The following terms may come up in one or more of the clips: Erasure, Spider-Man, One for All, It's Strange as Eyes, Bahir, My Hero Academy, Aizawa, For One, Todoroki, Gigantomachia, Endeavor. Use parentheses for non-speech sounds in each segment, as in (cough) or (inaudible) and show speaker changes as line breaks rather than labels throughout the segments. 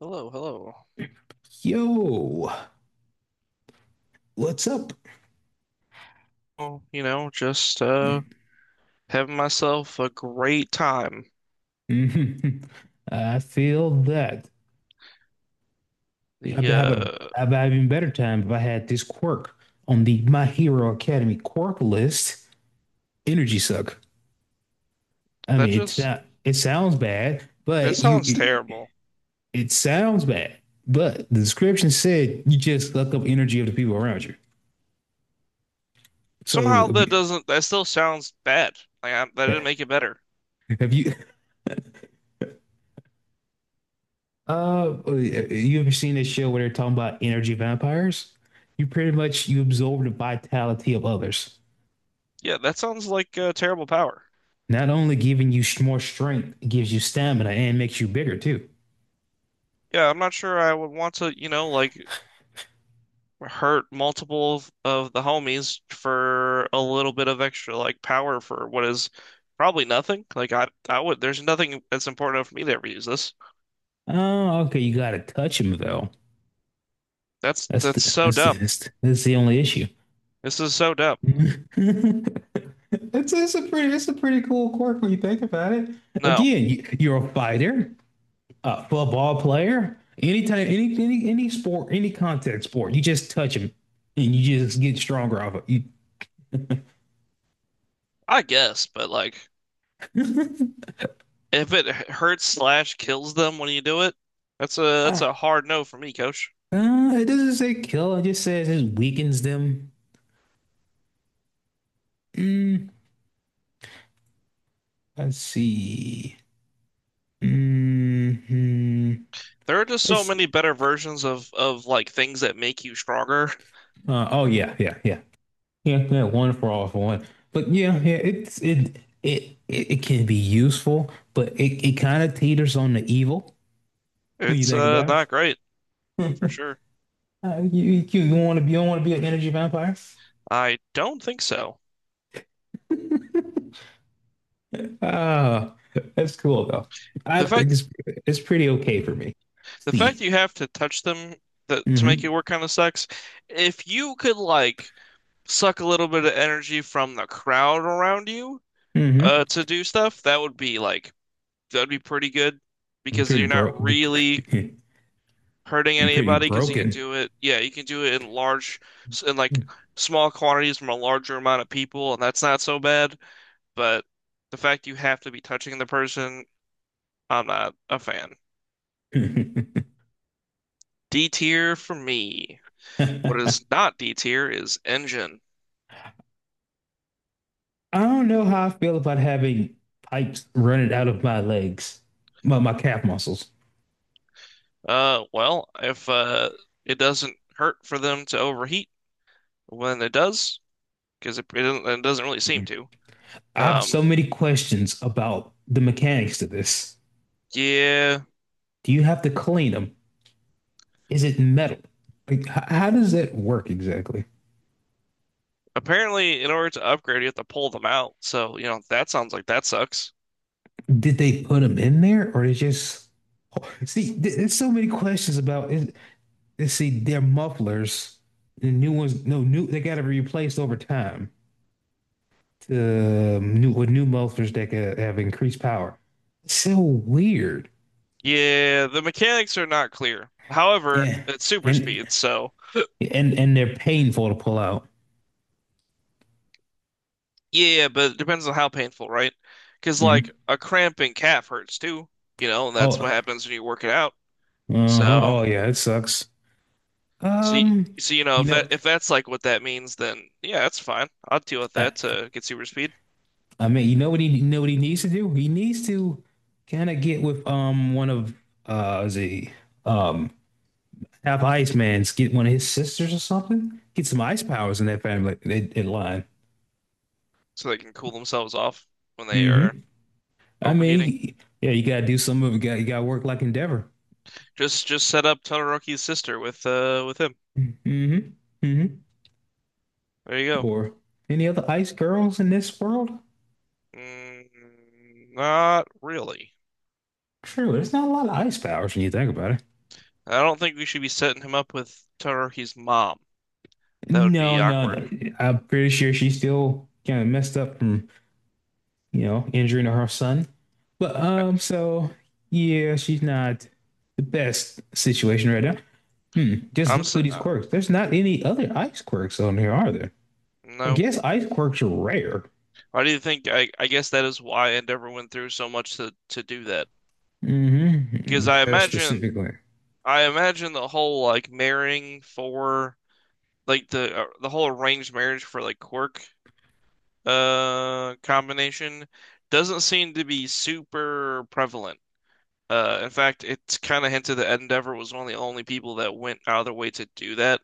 Hello, hello.
Yo, what's up? (laughs)
Well, you know, just having myself a great time.
Mhm. I feel that I'd
The
be having I'd be having better time if I had this quirk on the My Hero Academy quirk list. Energy suck. I
that
mean, it's
just
not. It sounds bad,
that
but you.
sounds
It,
terrible.
it sounds bad, but the description said you just suck up energy of the people around you. So
Somehow
if
that
you,
doesn't that still sounds bad. Like I, that didn't
yeah,
make it better.
have you ever seen this show where they're talking about energy vampires? You pretty much you absorb the vitality of others.
Yeah, that sounds like terrible power.
Not only giving you more strength, it gives you stamina and makes you bigger too.
Yeah, I'm not sure I would want to, you know, like hurt multiple of the homies for a little bit of extra like power for what is probably nothing. Like I would there's nothing that's important enough for me to ever use this.
Oh, okay. You gotta touch him though.
That's
That's
that's
the
so
that's the
dumb.
that's the, that's the only issue.
This is so dumb.
(laughs) It's a pretty cool quirk when you think about it.
No,
Again, you're a fighter. A football player, anytime, any sport, any contact sport, you just touch him, and you just get stronger off of you.
I guess, but like
(laughs)
if it hurts slash kills them when you do it, that's a that's
uh,
a hard no for me, coach.
it doesn't say kill. It just says it weakens them. Mm, let's see. hmm
There are just so
Let's.
many better versions of like things that make you stronger.
Oh, yeah. One for all for one. But yeah. It can be useful, but it kind of teeters on the evil when you
It's
think about
not great
it.
for
(laughs)
sure.
You want to you don't want to be an energy vampire?
I don't think so.
(laughs) Ah, that's cool though. I
The
think
fact
it's it's pretty okay for me.
the fact
See.
you have to touch them that to make
Mm-hmm.
it work kind of sucks. If you could like suck a little bit of energy from the crowd around you
Mm-hmm.
to do stuff, that would be like that'd be pretty good
Be
because
pretty
you're
bro
not
be,
really
(laughs)
hurting
Be pretty
anybody because you can
broken.
do it. Yeah, you can do it in large, in like
(laughs)
small quantities from a larger amount of people, and that's not so bad. But the fact you have to be touching the person, I'm not a fan.
I
D tier for me. What is not D tier is engine.
don't know how I feel about having pipes running out of my legs, my calf muscles.
Well, if it doesn't hurt for them to overheat when it does, because it doesn't really seem to.
I have
Um,
so many questions about the mechanics to this.
yeah.
Do you have to clean them? Is it metal? Like, how does that work exactly?
Apparently, in order to upgrade, you have to pull them out. So, you know, that sounds like that sucks.
Did they put them in there or they just (laughs) see? There's so many questions about it. See, they're mufflers. The new ones, no new. They got to be replaced over time to new with new mufflers that have increased power. So weird.
Yeah, the mechanics are not clear. However,
Yeah,
it's super
and
speed, so
and they're painful to pull out.
yeah, but it depends on how painful, right? Because
Mm.
like a cramp in calf hurts too, you know, and that's
Oh,
what happens when you work it out.
uh-huh.
So,
Oh yeah, it sucks.
so y-
Um,
so you know
you
if that
know,
if that's like what that means, then yeah, that's fine. I'll deal with
I,
that to get super speed
I mean, you know what he needs to do? He needs to kind of get with one of is he um half ice man's, get one of his sisters or something. Get some ice powers in that family in line.
so they can cool themselves off when they are
Mm-hmm. I
overheating.
mean, yeah, you gotta do some of it. You gotta work like Endeavor.
Just set up Todoroki's sister with him.
Mm-hmm. Mm-hmm.
There you go.
Or any other ice girls in this world?
Mm, not really.
True, there's not a lot of ice powers when you think about it.
I don't think we should be setting him up with Todoroki's mom. That would
No,
be
no,
awkward.
no. I'm pretty sure she's still kind of messed up from you know, injuring her son. But so yeah, she's not the best situation right now. Hmm. Just
I'm
look
s
through these quirks. There's not any other ice quirks on here, are there? I
no.
guess ice quirks are rare.
Why do you think? I guess that is why Endeavor went through so much to do that.
Mm-hmm.
Because
With
I
her
imagine
specifically.
I imagine the whole like marrying for like the whole arranged marriage for like quirk combination doesn't seem to be super prevalent. In fact, it's kind of hinted that Endeavor was one of the only people that went out of their way to do that.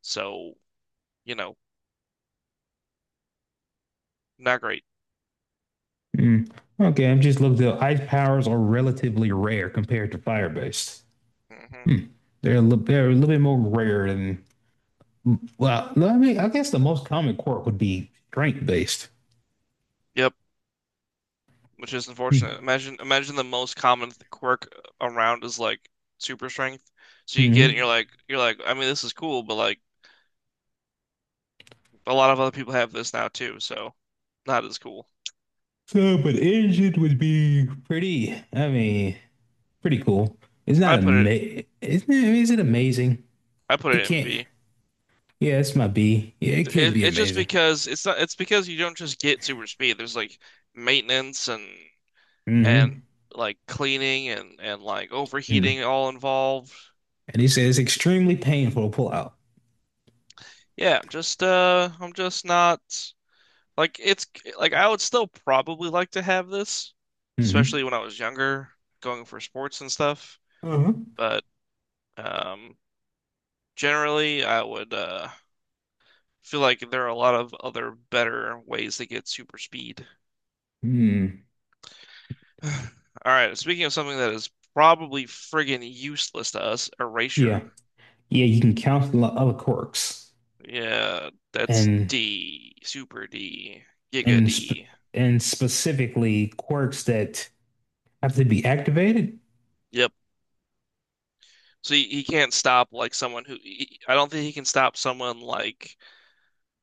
So, you know, not great.
Hmm. Okay, I'm just looking. The ice powers are relatively rare compared to fire based.
hmm
Hmm. They're a little bit more rare than. Well, I mean, I guess the most common quirk would be strength based.
Yep, which is
Hmm.
unfortunate. Imagine the most common quirk around is like super strength. So you get it and
hmm
you're like, I mean this is cool, but like a lot of other people have this now too, so not as cool.
So, but Egypt would be pretty, I mean, pretty cool. It's not
I put it
amazing. Isn't it, Is it amazing?
I put
It
it in
can't.
B.
Yeah, it's my B. Yeah, it could
It,
be
it's just
amazing.
because it's not it's because you don't just get super speed. There's like maintenance and
Mm-hmm.
like cleaning and like
Mm.
overheating all involved.
And he says extremely painful to pull out.
Yeah, I'm just not. Like it's like I would still probably like to have this,
Mm-hmm.
especially when I was younger, going for sports and stuff.
Uh-huh.
But um, generally, I would feel like there are a lot of other better ways to get super speed.
Mm.
(sighs) All right, speaking of something that is probably friggin' useless to us,
Yeah.
erasure.
Yeah, you can count a lot of quirks
Yeah, that's
and
D, super D, giga
and sp-
D.
and specifically quirks that have to be activated.
Yep. So he can't stop like I don't think he can stop someone like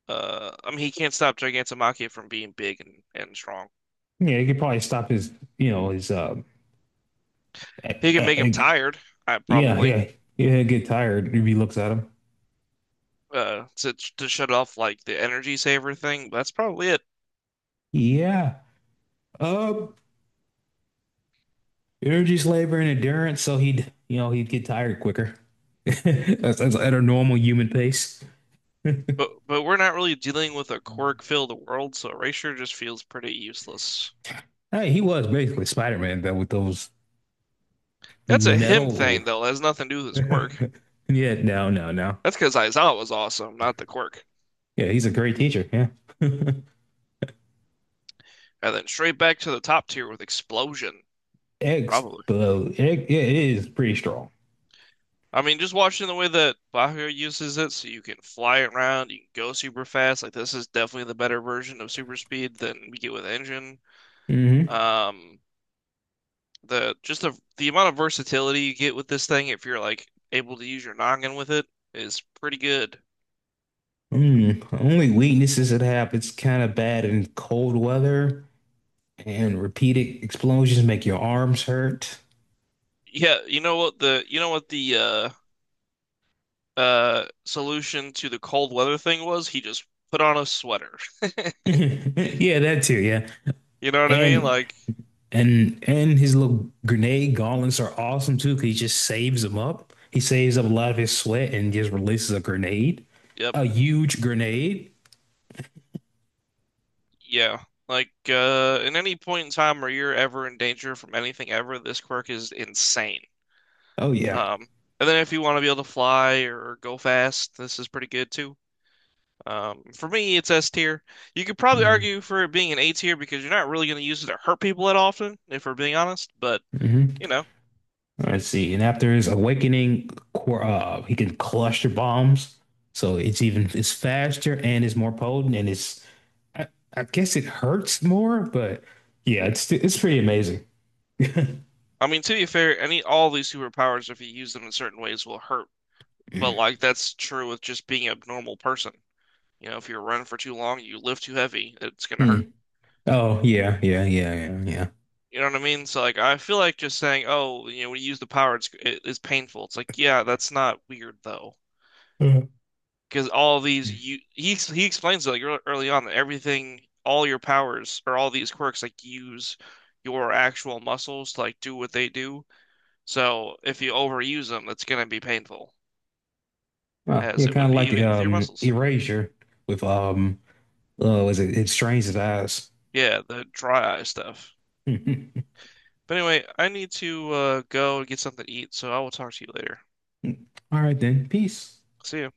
I mean, he can't stop Gigantomachia from being big and strong.
Yeah, it could probably stop his, you know, his uh,
He can
uh,
make him tired, I
yeah,
probably,
yeah. Yeah, get tired. If he looks at him.
uh, to to shut off like the energy saver thing. That's probably it.
Yeah. Uh, Energy's labor and endurance, so he'd, you know, he'd get tired quicker. (laughs) That's at a normal human pace.
But we're not really dealing with a quirk-filled world, so Erasure just feels pretty useless.
Hey, he was basically Spider-Man, but with those
That's a him
metal.
thing though. That has nothing to do with his quirk.
(laughs) Yeah, no, no, no.
That's because Aizawa was awesome, not the quirk.
Yeah, he's a great teacher. Yeah.
And then straight back to the top tier with Explosion,
Eggs,
probably.
but egg, yeah, it is pretty strong.
I mean, just watching the way that Bahir uses it, so you can fly it around, you can go super fast. Like this is definitely the better version of super speed than we get with engine.
Hmm
Um, the just the amount of versatility you get with this thing, if you're like able to use your noggin with it, is pretty good.
Mm. Only weaknesses it have, it's kind of bad in cold weather and repeated explosions make your arms hurt.
Yeah, you know what the you know what the solution to the cold weather thing was? He just put on a sweater.
(laughs)
(laughs)
Yeah, that too. Yeah,
You know what I mean?
and
Like,
and his little grenade gauntlets are awesome too. Cause he just saves them up. He saves up a lot of his sweat and just releases a grenade,
yep.
a huge grenade.
Yeah. Like in any point in time where you're ever in danger from anything ever, this quirk is insane.
Oh yeah.
Um and then if you want to be able to fly or go fast, this is pretty good too. For me it's S tier. You could probably argue for it being an A tier because you're not really going to use it to hurt people that often, if we're being honest, but
Mm-hmm.
you know.
Let's see. And after his awakening, he can cluster bombs, so it's even it's faster and it's more potent and it's I, I guess it hurts more, but yeah, it's pretty amazing.
I mean to be fair, any all these superpowers if you use them in certain ways will hurt. But like that's true with just being a normal person. You know, if you're running for too long, you lift too heavy, it's gonna hurt.
Hmm. Oh yeah.
You know what I mean? So like, I feel like just saying, "Oh, you know, when you use the power, it's painful." It's like, yeah, that's not weird though,
Uh,
because all these you he ex- he explains it like early on that everything, all your powers or all these quirks like use your actual muscles to like do what they do. So if you overuse them, it's gonna be painful,
yeah,
as it
kind
would
of
be
like
with your muscles.
Erasure with was it It's Strange as Eyes.
Yeah, the dry eye stuff.
(laughs) All
But anyway, I need to go and get something to eat, so I will talk to you later.
right then, peace.
See ya.